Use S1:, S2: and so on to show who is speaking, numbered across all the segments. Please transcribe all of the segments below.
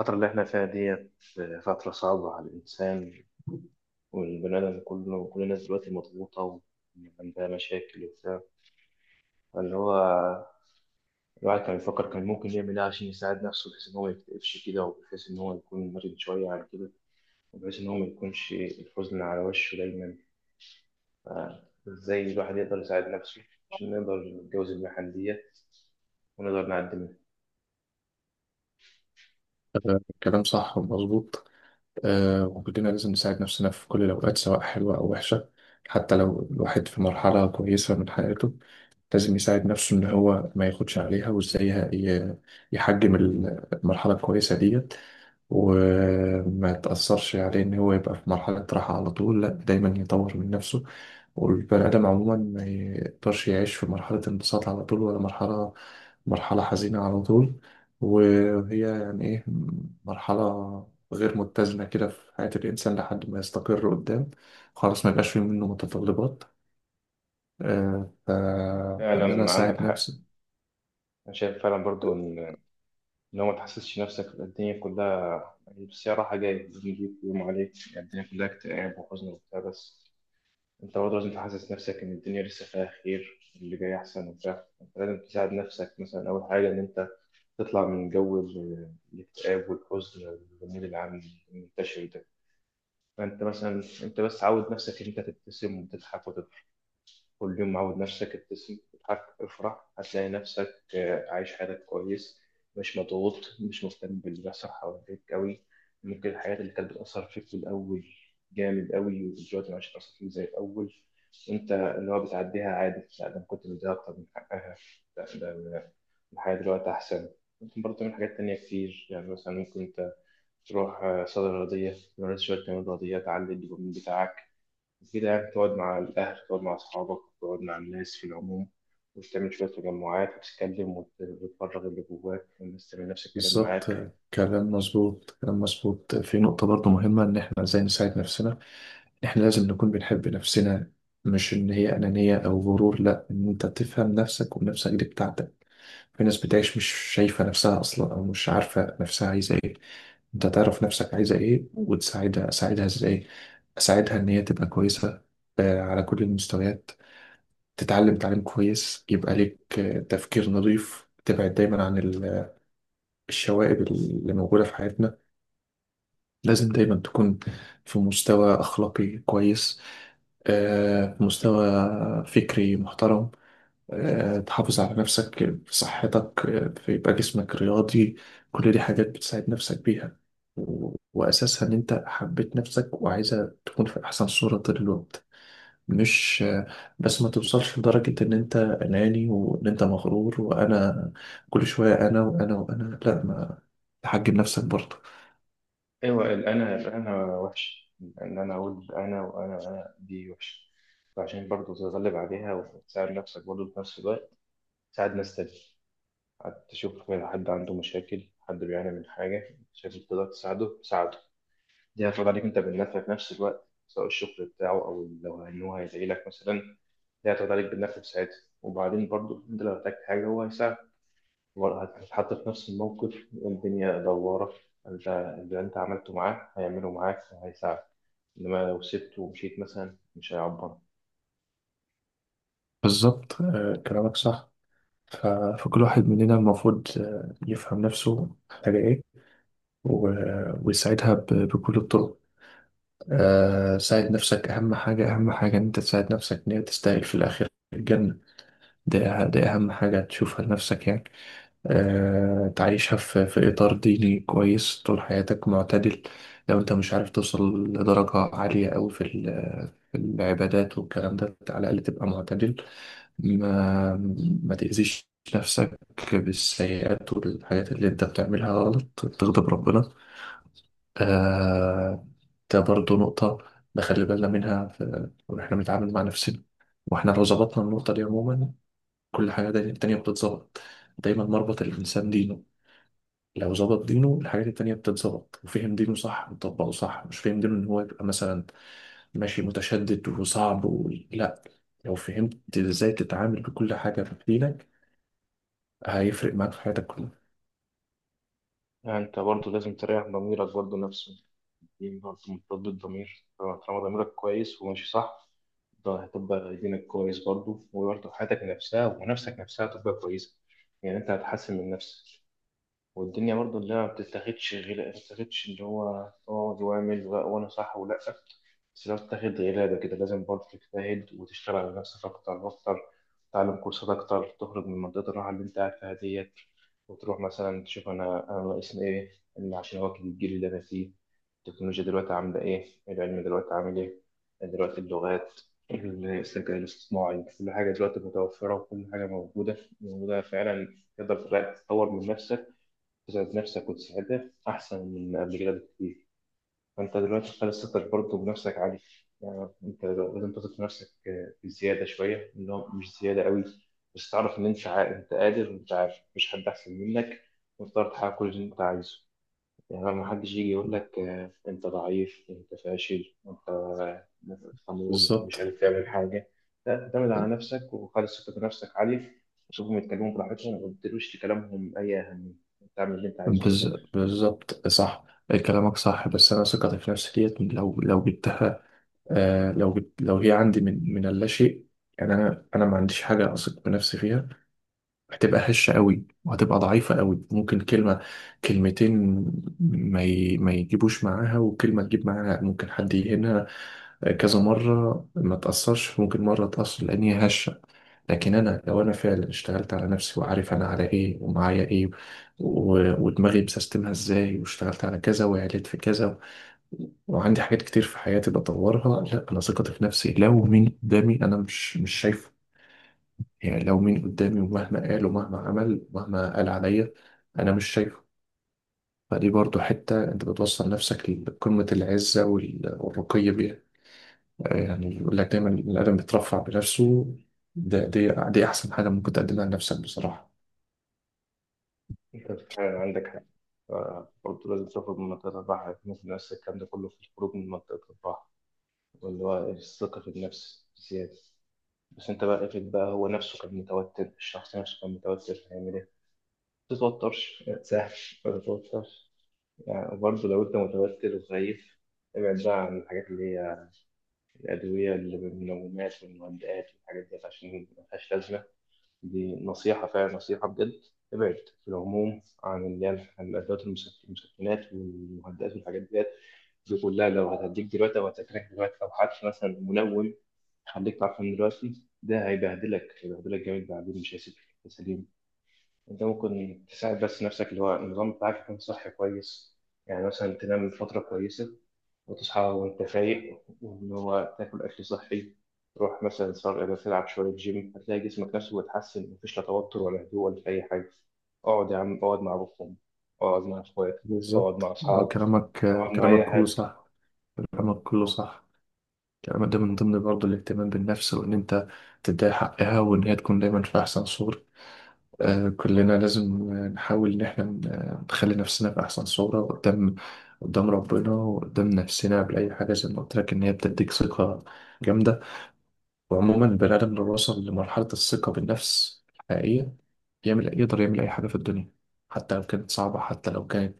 S1: الفترة اللي احنا فيها ديت فترة صعبة على الإنسان، والبني آدم كله، كل الناس دلوقتي مضغوطة وعندها مشاكل وبتاع. فاللي هو الواحد كان بيفكر كان ممكن يعمل إيه عشان يساعد نفسه بحيث إن هو ميكتئبش كده، وبحيث إن هو يكون مرن شوية عن كده، وبحيث إن هو ميكونش الحزن على وشه دايما. فإزاي الواحد يقدر يساعد نفسه عشان نقدر نتجاوز المحن ديت ونقدر نعدي منها؟
S2: كلام صح ومظبوط. آه، وكلنا لازم نساعد نفسنا في كل الأوقات سواء حلوة أو وحشة. حتى لو الواحد في مرحلة كويسة من حياته لازم يساعد نفسه إن هو ما ياخدش عليها. وإزاي ي- يحجم المرحلة الكويسة دي وما تأثرش عليه. إن هو يبقى في مرحلة راحة على طول، لأ، دايما يطور من نفسه. والبني آدم عموما ما يقدرش يعيش في مرحلة انبساط على طول ولا مرحلة حزينة على طول. وهي يعني إيه؟ مرحلة غير متزنة كده في حياة الإنسان لحد ما يستقر قدام. خلاص، ما يبقاش في منه متطلبات. آه، ف- فإن أنا
S1: فعلا عندك
S2: أساعد
S1: حق.
S2: نفسي.
S1: أنا شايف فعلا برضو إن هو ما تحسسش نفسك الدنيا كلها بس هي راحة جاية، بنجيب يوم عليك يعني الدنيا كلها اكتئاب وحزن وبتاع. بس أنت برضه لازم تحسس نفسك إن الدنيا لسه فيها خير، اللي جاي أحسن وبتاع. أنت لازم تساعد نفسك. مثلا أول حاجة إن أنت تطلع من جو الاكتئاب والحزن والجميل العام المنتشر ده. فأنت مثلا، أنت بس عود نفسك إن أنت تبتسم وتضحك. كل يوم عود نفسك ابتسم، اضحك، افرح، هتلاقي نفسك عايش حياتك كويس، مش مضغوط، مش مهتم باللي بيحصل حواليك قوي. ممكن الحاجات اللي كانت بتأثر فيك في الأول جامد قوي، ودلوقتي مش هتأثر فيك زي الأول، وأنت اللي هو بتعديها عادي. لا، ده أنا كنت مديها أكتر من حقها. لا، ده أنا الحياة دلوقتي أحسن. ممكن برضه تعمل حاجات تانية كتير. يعني مثلا ممكن أنت تروح صيدلة رياضية، تمارس شوية تمارين رياضية تعلي الدوبامين بتاعك، مفيدة. يعني تقعد مع الأهل، تقعد مع أصحابك، تقعد مع الناس في العموم، وتعمل شوية تجمعات وتتكلم، وتفرغ اللي جواك، والناس تعمل نفس الكلام
S2: بالظبط.
S1: معاك.
S2: كلام مظبوط، كلام مظبوط في نقطة برضو مهمة، إن إحنا إزاي نساعد نفسنا. إحنا لازم نكون بنحب نفسنا، مش إن هي أنانية أو غرور، لأ، إن أنت تفهم نفسك ونفسك دي بتاعتك. في ناس بتعيش مش شايفة نفسها أصلا أو مش عارفة نفسها عايزة إيه. أنت تعرف نفسك عايزة إيه وتساعدها. أساعدها إزاي؟ أساعدها إن هي تبقى كويسة على كل المستويات. تتعلم تعليم كويس، يبقى ليك تفكير نظيف، تبعد دايما عن الشوائب اللي موجودة في حياتنا. لازم دايما تكون في مستوى أخلاقي كويس، في مستوى فكري محترم، تحافظ على نفسك في صحتك، فيبقى جسمك رياضي. كل دي حاجات بتساعد نفسك بيها، وأساسها إن أنت حبيت نفسك وعايزة تكون في أحسن صورة طول الوقت. مش بس ما توصلش لدرجة إن أنت أناني وإن أنت مغرور، وأنا كل شوية، أنا وأنا وأنا، لا، ما تحجم نفسك برضه.
S1: أيوة، الأنا الأنا وحش، إن أنا أقول أنا وأنا وأنا دي وحشة. فعشان برضه تتغلب عليها وتساعد نفسك، برضه في نفس الوقت تساعد ناس تانية. حد تشوف حد عنده مشاكل، حد بيعاني من حاجة شايف إنك تقدر تساعده، ساعده. دي هتفرض عليك أنت بالنفع في نفس الوقت، سواء الشغل بتاعه أو لو إن هو هيدعي لك مثلا، ده هتاخد عليك بالنفع في ساعتها. وبعدين برضه انت لو احتجت حاجه هو هيساعدك، برضه هتتحط في نفس الموقف. الدنيا دواره، انت اللي انت عملته معاه هيعمله معاك وهيساعدك. انما لو سبته ومشيت مثلا مش هيعبر.
S2: بالظبط. كلامك صح. ف- فكل واحد مننا المفروض يفهم نفسه محتاجة إيه ويساعدها بكل الطرق. ساعد نفسك أهم حاجة. أهم حاجة إن أنت تساعد نفسك إن هي تستاهل في الآخر الجنة. ده أهم حاجة تشوفها لنفسك يعني. تعيشها في إطار ديني كويس طول حياتك، معتدل. لو أنت مش عارف توصل لدرجة عالية أوي في العبادات والكلام ده، على الأقل تبقى معتدل. ما ما تأذيش نفسك بالسيئات والحاجات اللي انت بتعملها غلط تغضب ربنا. آه، ده برضو نقطة نخلي بالنا منها في واحنا بنتعامل مع نفسنا. واحنا لو ظبطنا النقطة دي عموما، كل حاجة التانية بتتظبط. دايما مربط الإنسان دينه. لو ظبط دينه، الحاجات التانية بتتظبط، وفهم دينه صح وطبقه صح. مش فهم دينه إن هو يبقى مثلا ماشي متشدد وصعب لا. لو فهمت ازاي تتعامل بكل حاجة في دينك، هيفرق معاك في حياتك كلها.
S1: يعني انت برضه لازم تريح ضميرك برضه نفسه. دي برضه مرتبط بالضمير. طالما ضميرك كويس وماشي صح، ده هتبقى دينك كويس برضه، وبرضه حياتك نفسها ونفسك نفسها هتبقى كويسة. يعني انت هتحسن من نفسك. والدنيا برضو اللي ما بتتاخدش غير ما بتتاخدش. اللي هو اقعد واعمل، وانا صح ولا، بس لو بتاخد غلابة كده لازم برضه تجتهد وتشتغل على نفسك أكتر وأكتر. تتعلم كورسات أكتر، تخرج من منطقة الراحة اللي أنت قاعد فيها ديت، وتروح مثلا تشوف أنا، أنا ناقصني إيه، إن عشان أواكب الجيل اللي أنا فيه. التكنولوجيا دلوقتي عاملة إيه، العلم دلوقتي عامل إيه، دلوقتي اللغات، الذكاء الاصطناعي، كل حاجة دلوقتي متوفرة وكل حاجة موجودة فعلا، تقدر تطور من نفسك، تسعد نفسك وتسعدها أحسن من قبل كده بكتير. فأنت دلوقتي خلاص ثقتك برضه بنفسك عالية. يعني أنت لازم تثق في نفسك بزيادة شوية، اللي هو مش زيادة قوي، بس تعرف إن أنت أنت قادر، وأنت عارف مفيش حد أحسن منك، وتقدر تحقق كل اللي أنت عايزه. يعني ما حدش يجي يقول لك أنت ضعيف، أنت فاشل، أنت، خمول ومش قادر
S2: بالظبط.
S1: تعمل حاجة. لا، اعتمد على نفسك وخلص ثقة بنفسك عالية، وشوفهم يتكلموا براحتهم وما تديلوش لكلامهم أي أهمية. تعمل اللي انت عايزه في
S2: بز...
S1: الآخر.
S2: بالظبط صح. كلامك صح، بس انا ثقتي في نفسي ديت لو جبتها، آه، لو جبت، لو هي عندي من اللاشيء، يعني انا ما عنديش حاجه اثق بنفسي فيها، هتبقى هشه قوي وهتبقى ضعيفه قوي. ممكن كلمه كلمتين ما يجيبوش معاها، وكلمه تجيب معاها ممكن حد يهنها كذا مره ما تاثرش، ممكن مره تاثر لان هي هشه. لكن انا لو انا فعلا اشتغلت على نفسي، وعارف انا على ايه ومعايا ايه، ودماغي بسيستمها ازاي، واشتغلت على كذا وعليت في كذا وعندي حاجات كتير في حياتي بطورها، لا، انا ثقتي في نفسي. لو مين قدامي انا مش شايفه. يعني لو مين قدامي ومهما قال ومهما عمل ومهما قال عليا، انا مش شايفه. فدي برضو حتة انت بتوصل نفسك لقمة العزة والرقي بيها. يعني يقول لك دايما الادم بيترفع بنفسه. دي احسن حاجة ممكن تقدمها لنفسك بصراحة.
S1: انت فعلا عندك حق. برضه لازم تخرج من منطقة الراحة، مثل نفس الكلام ده كله في الخروج من منطقة الراحة واللي هو الثقة في النفس زيادة. بس انت بقى افرض بقى هو نفسه كان متوتر، الشخص نفسه كان متوتر، هيعمل ايه؟ ما تتوترش، ما تساهلش، ما تتوترش. يعني وبرضه لو انت متوتر وخايف، ابعد بقى عن الحاجات اللي هي الأدوية، اللي بالمنومات والمهدئات والحاجات دي، عشان ملهاش لازمة. دي نصيحة فعلا، نصيحة بجد. ابعد في العموم عن اللي هي الأدوات المسكنات والمهدئات والحاجات ديت. دي كلها لو هتديك دلوقتي أو هتاكلك دلوقتي، أو حتى مثلا منوم، خليك تعرفان دلوقتي ده هيبهدلك، هيبهدلك جامد بعدين، مش هيسيبك يا سليم. أنت ممكن تساعد بس نفسك، اللي هو النظام بتاعك يكون صحي كويس. يعني مثلا تنام فترة كويسة وتصحى وأنت فايق، وإن هو تاكل أكل صحي، تروح مثلا صار إذا تلعب شوية جيم، هتلاقي جسمك نفسه بيتحسن، مفيش لا توتر ولا هدوء ولا أي حاجة. اقعد يا عم، اقعد مع أبوكم، اقعد مع إخواتك، اقعد مع
S2: بالظبط. اه،
S1: أصحابك،
S2: كلامك،
S1: اقعد مع أي
S2: كلامك كله
S1: حد.
S2: صح. كلامك كله صح. كلامك ده من ضمن برضه الاهتمام بالنفس، وان انت تدي حقها وان هي تكون دايما في احسن صورة. آه، كلنا لازم، نحاول ان احنا نخلي نفسنا في احسن صورة قدام، قدام ربنا وقدام نفسنا قبل اي حاجة. زي ما قلت لك، ان هي بتديك ثقة جامدة. وعموما البني ادم لو وصل لمرحلة الثقة بالنفس الحقيقية، يقدر يعمل اي حاجة في الدنيا، حتى لو كانت صعبة، حتى لو كانت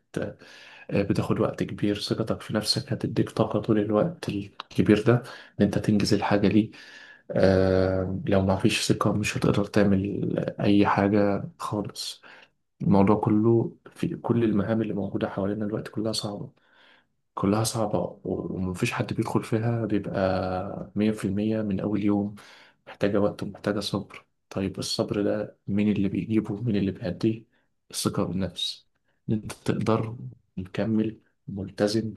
S2: بتاخد وقت كبير. ثقتك في نفسك هتديك طاقة طول الوقت الكبير ده إن أنت تنجز الحاجة دي. لو ما فيش ثقة، مش هتقدر تعمل أي حاجة خالص. الموضوع كله، في كل المهام اللي موجودة حوالينا الوقت كلها صعبة، كلها صعبة، ومفيش حد بيدخل فيها بيبقى 100% من أول يوم. محتاجة وقت ومحتاجة صبر. طيب الصبر ده مين اللي بيجيبه، مين اللي بيأديه؟ الثقة بالنفس، إن أنت تقدر، مكمل، ملتزم.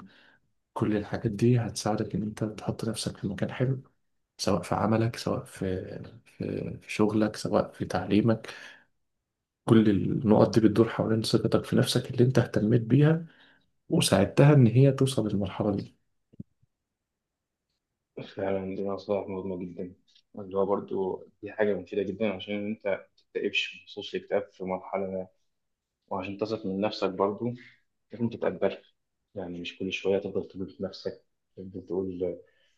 S2: كل الحاجات دي هتساعدك إن أنت تحط نفسك في مكان حلو، سواء في عملك، سواء في في شغلك، سواء في تعليمك. كل النقط دي بتدور حوالين ثقتك في نفسك اللي أنت اهتميت بيها وساعدتها إن هي توصل للمرحلة دي.
S1: فعلا دي نصائح مهمة جدا، اللي هو برضه دي حاجة مفيدة جدا عشان أنت تكتئبش. بخصوص الاكتئاب في مرحلة ما، وعشان تثق من نفسك برضه، لازم انت تتقبل. يعني مش كل شوية تفضل تقول في نفسك، تفضل تقول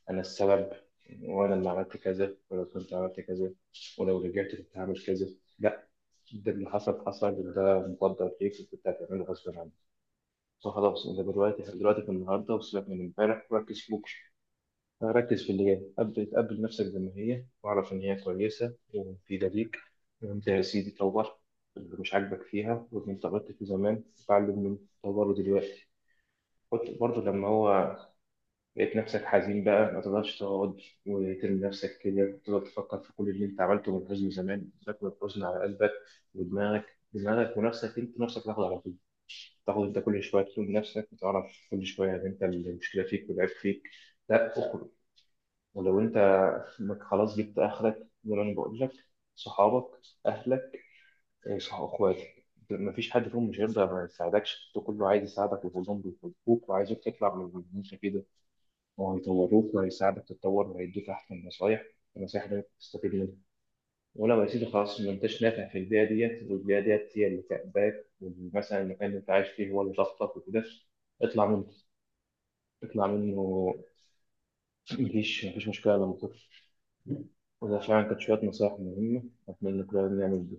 S1: أنا السبب، وأنا اللي عملت كذا، ولو كنت عملت كذا، ولو رجعت كنت هعمل كذا. لا، ده اللي حصل حصل، وده مقدر ليك وكنت هتعمله غصب عنك. فخلاص انت دلوقتي، دلوقتي في النهارده، وسيبك من امبارح وركز في بكره. ركز في اللي جاي قبل، تقبل نفسك زي ما هي واعرف ان هي كويسه ومفيده ليك. وانت يا سيدي طور اللي مش عاجبك فيها، واللي انت غلطت فيه زمان اتعلم من طوره دلوقتي. كنت برضه لما هو لقيت نفسك حزين بقى، ما تقدرش تقعد وترمي نفسك كده وتقعد تفكر في كل اللي انت عملته من حزن زمان، تاكل الحزن على قلبك ودماغك. دماغك ونفسك انت نفسك تاخد على طول، تاخد انت كل شويه تلوم نفسك وتعرف كل شويه ان انت المشكله فيك والعيب فيك. لا، اخرج. ولو انت انك خلاص جبت اخرك زي ما انا بقول لك، صحابك، اهلك، صح، اخواتك، مفيش حد فيهم مش هيرضى ما يساعدكش، ده كله عايز يساعدك وكلهم بيحبوك وعايزك تطلع من المنشأ كده، وهيطوروك وهيساعدك تتطور وهيدوك أحسن نصايح. النصايح دي تستفيد منها. ولو يا سيدي خلاص ما انتش نافع في البيئة ديت، والبيئة ديت هي اللي كأباك، ومثلا المكان اللي انت عايش فيه هو اللي ضغطك وكده، اطلع منه، اطلع منه. مفيش مشكلة لما تطلع. وده فعلا كانت شوية نصايح مهمة، أتمنى كلنا نعمل.